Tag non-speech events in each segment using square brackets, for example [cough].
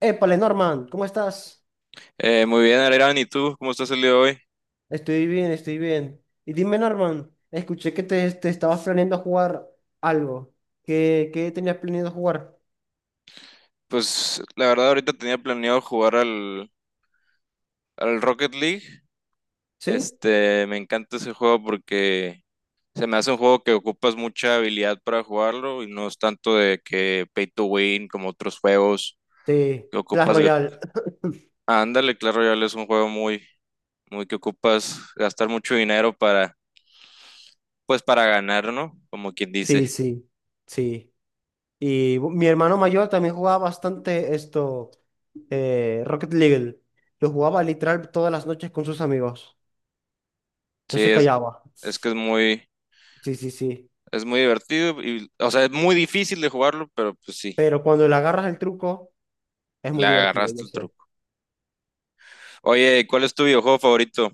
Épale, Norman, ¿cómo estás? Muy bien, Alirán, ¿y tú? ¿Cómo estás el día de hoy? Estoy bien, estoy bien. Y dime, Norman, escuché que te estabas planeando jugar algo. ¿Qué tenías planeado jugar? Pues la verdad ahorita tenía planeado jugar al Rocket League. ¿Sí? Me encanta ese juego porque se me hace un juego que ocupas mucha habilidad para jugarlo y no es tanto de que pay to win como otros juegos Sí. que Clash ocupas. Royale. [laughs] Ándale, Clash Royale es un juego muy que ocupas gastar mucho dinero pues para ganar, ¿no? Como quien Sí, dice. sí, sí. Y mi hermano mayor también jugaba bastante esto, Rocket League. Lo jugaba literal todas las noches con sus amigos. No Sí, se es, callaba. es que es muy, Sí, sí, sí. es muy divertido y, o sea, es muy difícil de jugarlo, pero pues sí. Pero cuando le agarras el truco, es Le muy divertido, yo agarraste el sé. truco. Oye, ¿cuál es tu videojuego favorito?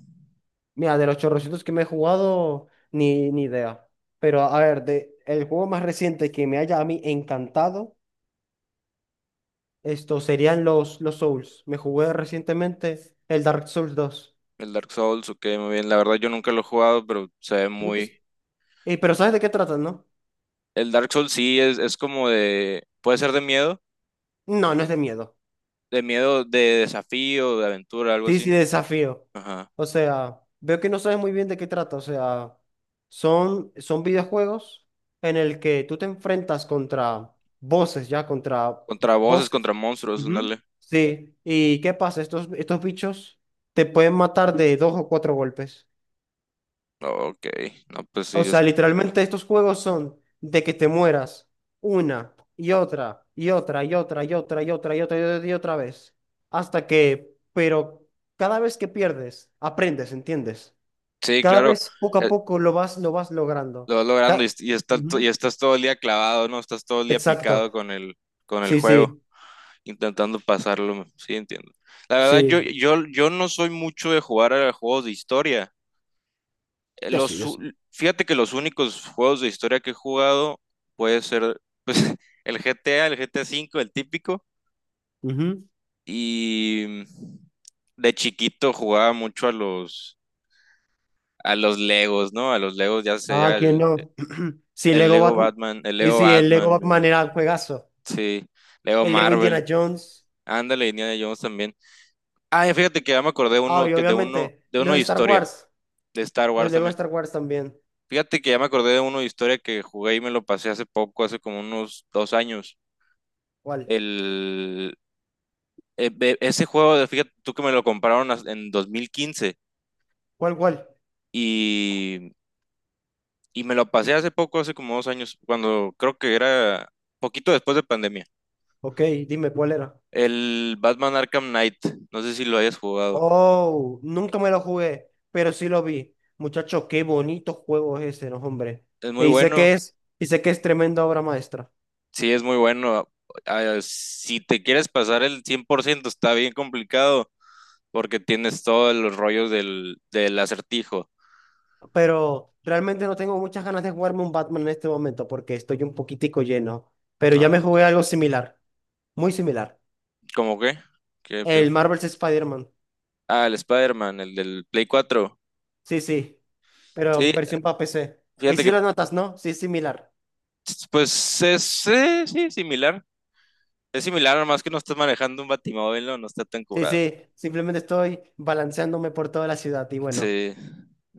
Mira, de los chorrocientos que me he jugado, ni idea. Pero a ver, de, el juego más reciente que me haya a mí encantado, esto serían los Souls. Me jugué recientemente el Dark Souls dos. El Dark Souls, ok, muy bien. La verdad yo nunca lo he jugado, pero se ve Nunca es- muy... Pero ¿sabes de qué tratan, no? El Dark Souls sí es como de... Puede ser de miedo, No, no es de miedo. de miedo, de desafío, de aventura, algo Sí, así, sí, ¿no? desafío. Ajá. O sea, veo que no sabes muy bien de qué trata. O sea, son videojuegos en el que tú te enfrentas contra voces, ya, contra Contra voces, contra voces. monstruos, Ujú. ándale. Sí. ¿Y qué pasa? Estos bichos te pueden matar de dos o cuatro golpes. Ok, no, pues O sí, sea, literalmente estos juegos son de que te mueras una y otra y otra y otra y otra y otra y otra y otra y otra vez. Hasta que, pero cada vez que pierdes, aprendes, ¿entiendes? sí, Cada claro, vez poco a eh, poco lo vas logrando. lo vas logrando y, Ca- y estás, to- y Ujú. estás todo el día clavado, ¿no? Estás todo el día Exacto. picado con el Sí, juego. sí, Intentando pasarlo, sí entiendo. La verdad, yo, sí. yo, yo no soy mucho de jugar a juegos de historia. Eh, Yo sí, Los, yo u- sí. fíjate que los únicos juegos de historia que he jugado puede ser pues, [laughs] el G GTA, el G GTA 5 el típico. Ujú. Y de chiquito jugaba mucho a los Legos, ¿no? A los Legos, ya Ah, sea ¿quién el, no? [clears throat] Sí, el Lego Lego Batman. Batman, el Sí, Lego sí, el Lego Batman, Batman el- era un juegazo. sí, Lego El Lego Marvel. Indiana Jones. Ándale, Indiana Jones también. Ah, y fíjate que ya me acordé Ah, uno, y que de uno, obviamente, de uno los de Star historia. Wars. De Star Los Wars Lego también. Star Wars también. Fíjate que ya me acordé de una historia que jugué y me lo pasé hace poco, hace como unos 2 años. ¿Cuál? El, e- e- ese juego, de- fíjate tú que me lo compraron en 2015 ¿Cuál? y, y me lo pasé hace poco, hace como 2 años, cuando creo que era poquito después de pandemia. Ok, dime cuál era. El Batman Arkham Knight, no sé si lo hayas jugado. Oh, nunca me lo jugué, pero sí lo vi. Muchachos, qué bonito juego es ese, ¿no, hombre? Es muy Y sé que bueno, es tremenda obra maestra. sí, es muy bueno. Ah, si te quieres pasar el 100%, está bien complicado porque tienes todos los rollos del acertijo. Pero realmente no tengo muchas ganas de jugarme un Batman en este momento porque estoy un poquitico lleno. Pero ya me Ah, jugué algo similar, muy similar. ¿cómo qué? ¿Qué- qué El fu- Marvel's Spider-Man. Ah, el Spider-Man, el del Play 4. Sí, sí, pero Sí, versión para PC. Y fíjate sí que, lo notas, ¿no? Sí, es similar. pues, sí, similar. Es similar, nomás que no estás manejando un batimóvil, no, no está tan Sí, curado. sí, simplemente estoy balanceándome por toda la ciudad y bueno. Sí,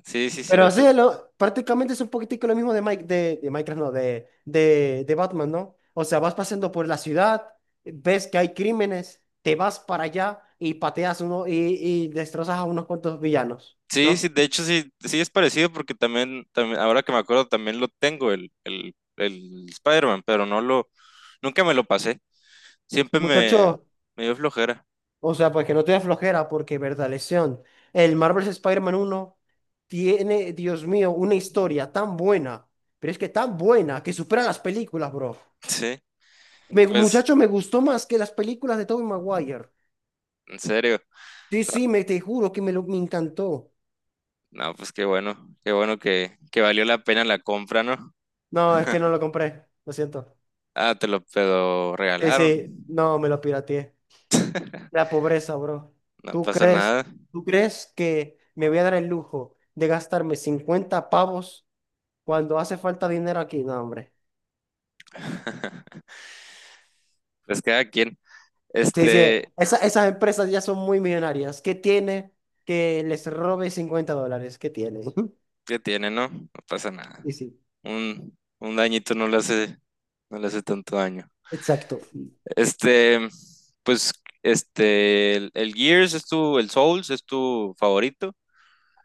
sí, sí, Pero sí, cierto. lo, prácticamente es un poquitico lo mismo de, Mike, de Minecraft, no, de Batman, ¿no? O sea, vas pasando por la ciudad, ves que hay crímenes, te vas para allá y pateas uno y destrozas a unos cuantos villanos, Sí, sí, ¿no? de hecho, sí, sí es parecido porque también, también, ahora que me acuerdo, también lo tengo, el Spider-Man, pero nunca me lo pasé. Siempre me, Muchacho, me dio flojera. o sea, pues que no te dé flojera porque, verdad, lesión. El Marvel's Spider-Man 1 tiene, Dios mío, una historia tan buena, pero es que tan buena que supera las películas, bro. Sí, Me, pues. muchacho, me gustó más que las películas de Tobey Maguire. En serio. Sí, Ah, sí, me, te juro que me, lo, me encantó. no, pues qué bueno que valió la pena la compra, ¿no? No, es que no lo compré, lo siento. Ah, te lo Sí, regalaron. sí, no, me lo pirateé. La pobreza, bro. No ¿Tú pasa crees, nada. ¿tú crees que me voy a dar el lujo de gastarme 50 pavos cuando hace falta dinero aquí? No, hombre. [laughs] Pues cada quien, Sí, sí, este, esas empresas ya son muy millonarias. ¿Qué tiene que les robe $50? ¿Qué tiene? [laughs] que tiene, ¿no? No pasa nada. Sí, sí, Un dañito no le hace tanto daño. exacto. Este, pues, el Souls es tu favorito.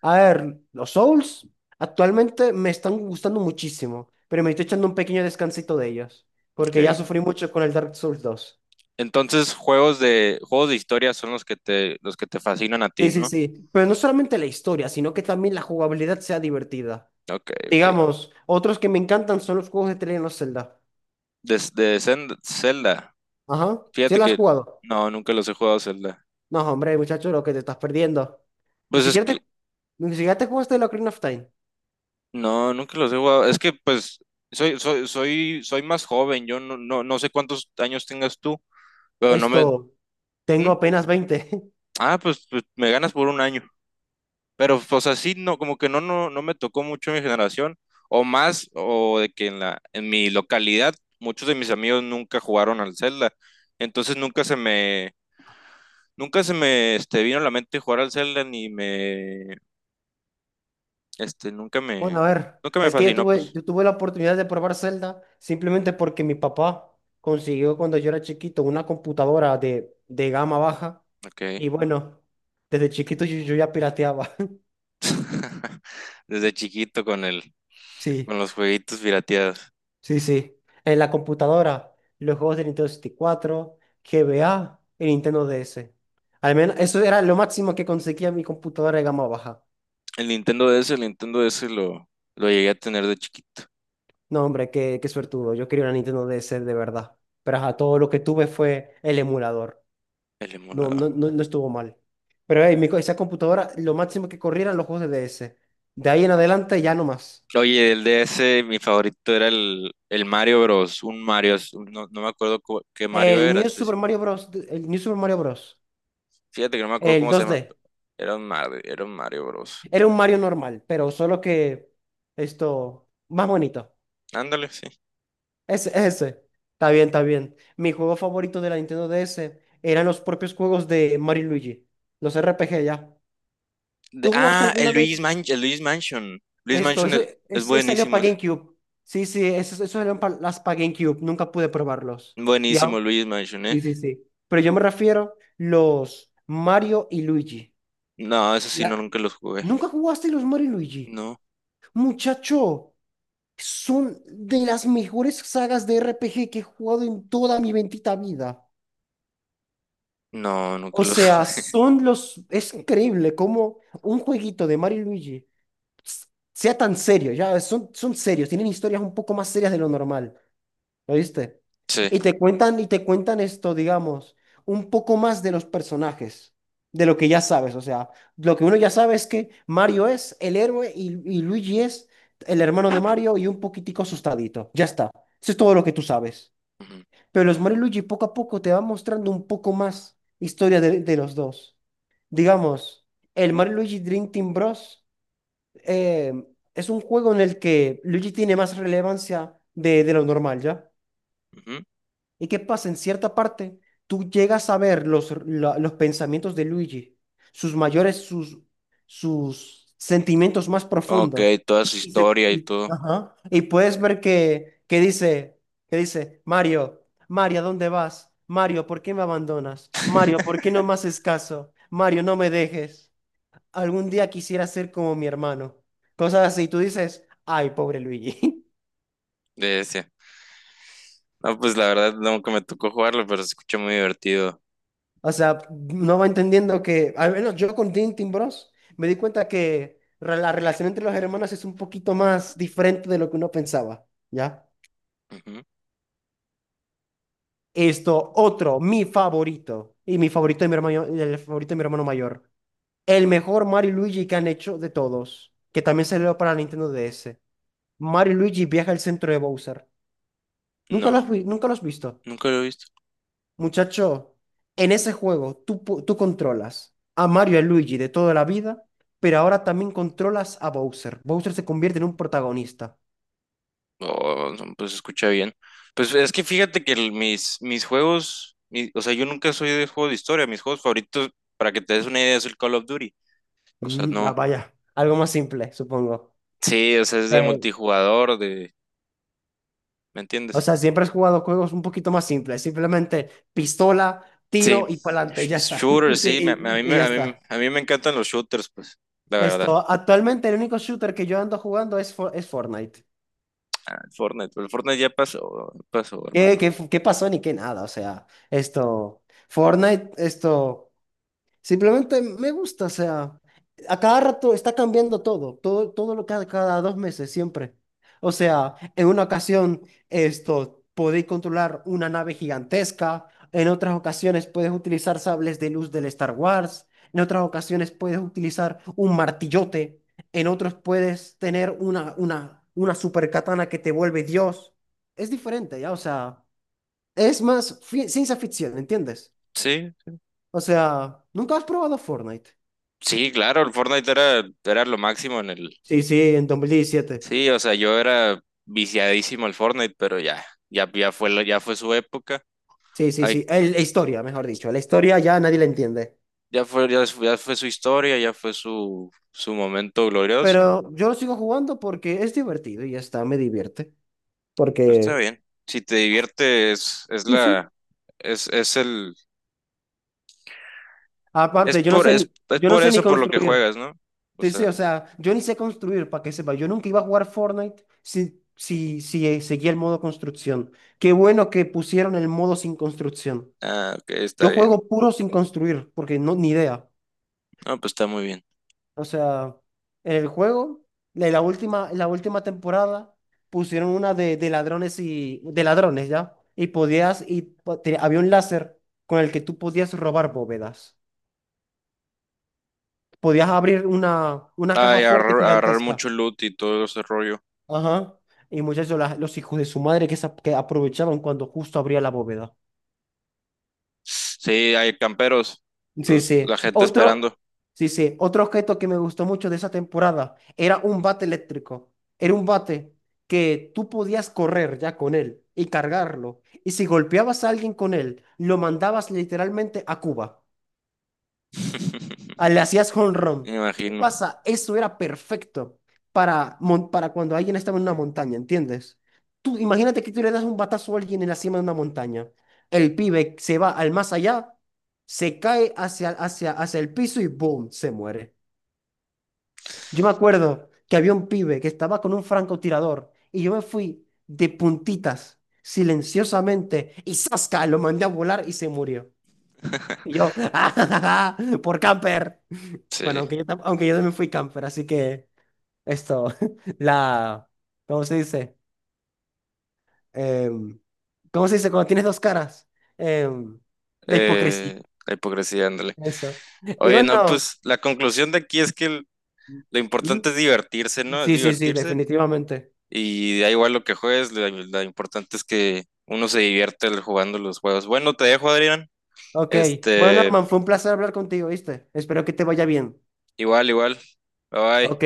A ver, los Souls actualmente me están gustando muchísimo, pero me estoy echando un pequeño descansito de ellos, Ok. porque ya sufrí mucho con el Dark Souls dos. Entonces, juegos de historia son los que te fascinan a ti, Sí, sí, ¿no? sí, pero no solamente la historia, sino que también la jugabilidad sea divertida. Ok, ok. Digamos, otros que me encantan son los juegos de The Legend of Zelda. De Zelda. Ajá, ¿sí Fíjate lo has que jugado? no, nunca los he jugado Zelda. No, hombre, muchacho, lo que te estás perdiendo. Ni Pues es siquiera te, que ni siquiera te jugaste el Ocarina of Time. no, nunca los he jugado. Es que pues soy más joven. Yo no sé cuántos años tengas tú, pero no me. Esto, ¿Mm? tengo apenas 20. [laughs] Ah, pues, me ganas por un año. Pero pues así no, como que no me tocó mucho mi generación. O más, o de que en mi localidad, muchos de mis amigos nunca jugaron al Zelda. Entonces nunca se me vino a la mente jugar al Zelda ni me. Este, nunca Bueno, me, a ver, nunca me es que fascinó, pues. yo tuve la oportunidad de probar Zelda simplemente porque mi papá consiguió cuando yo era chiquito una computadora de gama baja Ok. y bueno, desde chiquito yo ya pirateaba. [laughs] [laughs] Desde chiquito con el, con Sí, los jueguitos pirateados. sí, sí. En la computadora, los juegos de Nintendo 64, GBA y Nintendo DS. Al menos eso era lo máximo que conseguía mi computadora de gama baja. El Nintendo DS, el Nintendo DS lo llegué a tener de chiquito. No, hombre, qué, qué suertudo. Yo quería una Nintendo DS de verdad. Pero ajá, todo lo que tuve fue el emulador. El No, emulador. no, no, no estuvo mal. Pero ey, esa computadora, lo máximo que corría eran los juegos de DS. De ahí en adelante ya no más. Oye, el DS, mi favorito era el Mario Bros. Un Mario, no me acuerdo qué Mario era específico. El New Super Mario Bros. Fíjate que no me acuerdo El cómo se dos d llama, pero era un Mario, era un Mario Bros. Era un Mario normal, pero solo que esto, más bonito. Ándale, sí. Ese, ese. Está bien, está bien. Mi juego favorito de la Nintendo DS eran los propios juegos de Mario y Luigi. Los RPG ya. ¿Tú jugaste Ah, alguna el Luis vez? Mansion, el Luis Mansion. Luis Esto, Mansion eso, es salió buenísimo, para es GameCube. Sí, sí, eso salieron para las para GameCube. Nunca pude probarlos. ¿Ya? buenísimo Luis Mansion, ¿eh? Sí, sí, sí. Pero yo me refiero los Mario y Luigi. No, eso sí, no, La- nunca los jugué. ¿Nunca jugaste los Mario y Luigi? No, Muchacho, son de las mejores sagas de RPG que he jugado en toda mi bendita vida. no, nunca O los sea, jugué. [laughs] son los... Es increíble cómo un jueguito de Mario y Luigi s- sea tan serio. Ya, son, son serios, tienen historias un poco más serias de lo normal. ¿Oíste? Sí. Y te cuentan esto, digamos, un poco más de los personajes, de lo que ya sabes. O sea, lo que uno ya sabe es que Mario es el héroe y Luigi es el hermano de Mario y un poquitico asustadito. Ya está. Eso es todo lo que tú sabes. Ujú, Pero los Mario y Luigi poco a poco te van mostrando un poco más historia de los dos. Digamos, el Mario y Luigi Dream Team Bros. eh, es un juego en el que Luigi tiene más relevancia de lo normal, ¿ya? ujú. ¿Y qué pasa? En cierta parte, tú llegas a ver los pensamientos de Luigi, sus mayores, sus, sus sentimientos más Ok, profundos. toda su historia y todo Ajá, y puedes ver que, que dice, Mario, Mario, ¿a dónde vas? Mario, ¿por qué me abandonas? Mario, ¿por qué no me haces caso? Mario, no me dejes. Algún día quisiera ser como mi hermano. Cosas así. Tú dices, ay, pobre Luigi. [laughs] de ese. No, pues la verdad nunca me tocó jugarlo, pero se escucha muy divertido. O sea, no va entendiendo que, al menos yo con Tintin Bros, me di cuenta que la relación entre los hermanos es un poquito más diferente de lo que uno pensaba, ¿ya? Ujú. Esto, otro, mi favorito, y mi favorito de mi hermano, el favorito de mi hermano mayor, el mejor Mario y Luigi que han hecho de todos, que también salió para Nintendo DS. Mario y Luigi viaja al centro de Bowser. No, ¿nunca lo has visto? nunca lo he visto. Muchacho, en ese juego tú controlas a Mario y a Luigi de toda la vida, pero ahora también controlas a Bowser. Bowser se convierte en un protagonista. Oh, no, pues se escucha bien. Pues es que fíjate que mis juegos, o sea, yo nunca soy de juego de historia. Mis juegos favoritos, para que te des una idea, es el Call of Duty. O sea, Mm, ah, no. vaya, algo más simple, supongo. Sí, o sea, es de Eh, multijugador, de... ¿Me o entiendes? sea, siempre has jugado juegos un poquito más simples, simplemente pistola, Sí, tiro y pa'lante, sh- ya está. shooters, [laughs] Y, sí, a mí, y me- ya a mí, está. a mí me encantan los shooters, pues, la verdad. Esto, actualmente el único shooter que yo ando jugando es, es Fortnite. El Fortnite ya pasó, pasó, ¿Qué, hermano. qué, qué pasó ni qué nada? O sea, esto, Fortnite, esto. Simplemente me gusta, o sea, a cada rato está cambiando todo, todo, todo lo que cada 2 meses, siempre. O sea, en una ocasión, esto, podéis controlar una nave gigantesca, en otras ocasiones puedes utilizar sables de luz del Star Wars, en otras ocasiones puedes utilizar un martillote, en otros puedes tener una super katana que te vuelve Dios. Es diferente, ya, o sea, es más ciencia ficción, ¿entiendes? Sí, O sea, ¿nunca has probado Fortnite? sí, claro, el Fortnite era lo máximo en el... Sí, sí, en 2017. Sí, o sea, yo era viciadísimo al Fortnite, pero ya fue su época, Sí, sí, ay, sí. La historia, mejor dicho. La historia ya nadie la entiende. ya fue su historia, ya fue su momento glorioso. Pero yo lo sigo jugando porque es divertido y ya está, me divierte. Pues está Porque, bien. Si te diviertes, sí, sí. Es, es el, es Aparte, por, es, es yo no por sé ni eso por lo que construir. juegas, ¿no? O Sí, sí, sea. o sea, yo ni sé construir, para que sepa. Yo nunca iba a jugar Fortnite si seguía el modo construcción. Qué bueno que pusieron el modo sin construcción. Ah, ok, está Yo bien. juego puro sin construir, porque no, ni idea. No, pues está muy bien. O sea, en el juego, en la última temporada, pusieron una de ladrones y de ladrones, ¿ya? Y podías, y po- te- había un láser con el que tú podías robar bóvedas. Podías abrir una caja Ay, fuerte agarrar gigantesca. mucho loot y todo ese rollo. Ajá. Y muchachos, los hijos de su madre que, se que aprovechaban cuando justo abría la bóveda. Sí, hay camperos, Sí, los, sí. la gente Otro, esperando. sí, sí. Otro objeto que me gustó mucho de esa temporada era un bate eléctrico. Era un bate que tú podías correr ya con él y cargarlo. Y si golpeabas a alguien con él, lo mandabas literalmente a Cuba. Ah, le hacías home [laughs] Me run. ¿Qué imagino, pasa? Eso era perfecto para, para cuando alguien estaba en una montaña, ¿entiendes? Tú imagínate que tú le das un batazo a alguien en la cima de una montaña. El pibe se va al más allá, se cae hacia el piso y ¡boom! Se muere. Yo me acuerdo que había un pibe que estaba con un francotirador y yo me fui de puntitas, silenciosamente, y ¡zasca! Lo mandé a volar y se murió. Y yo, [laughs] ¡ah, ja, ja, ja, por camper! Bueno, sí. Aunque yo también fui camper, así que esto, [laughs] la, ¿cómo se dice? Em, ¿Cómo se dice? Cuando tienes dos caras, Em, la hipocresía, La hipocresía, ándale. eso. Y Oye, no, bueno, pues la conclusión de aquí es que lo ujú, importante es divertirse, ¿no? Es sí, sí, sí, divertirse. definitivamente. Y da igual lo que juegues, lo importante es que uno se divierte jugando los juegos. Bueno, te dejo, Adrián. Ok, bueno, Este, Norman, fue un placer hablar contigo, ¿viste? Espero que te vaya bien. igual, igual. Bye Ok, bye.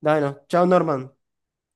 bueno, chao, Norman.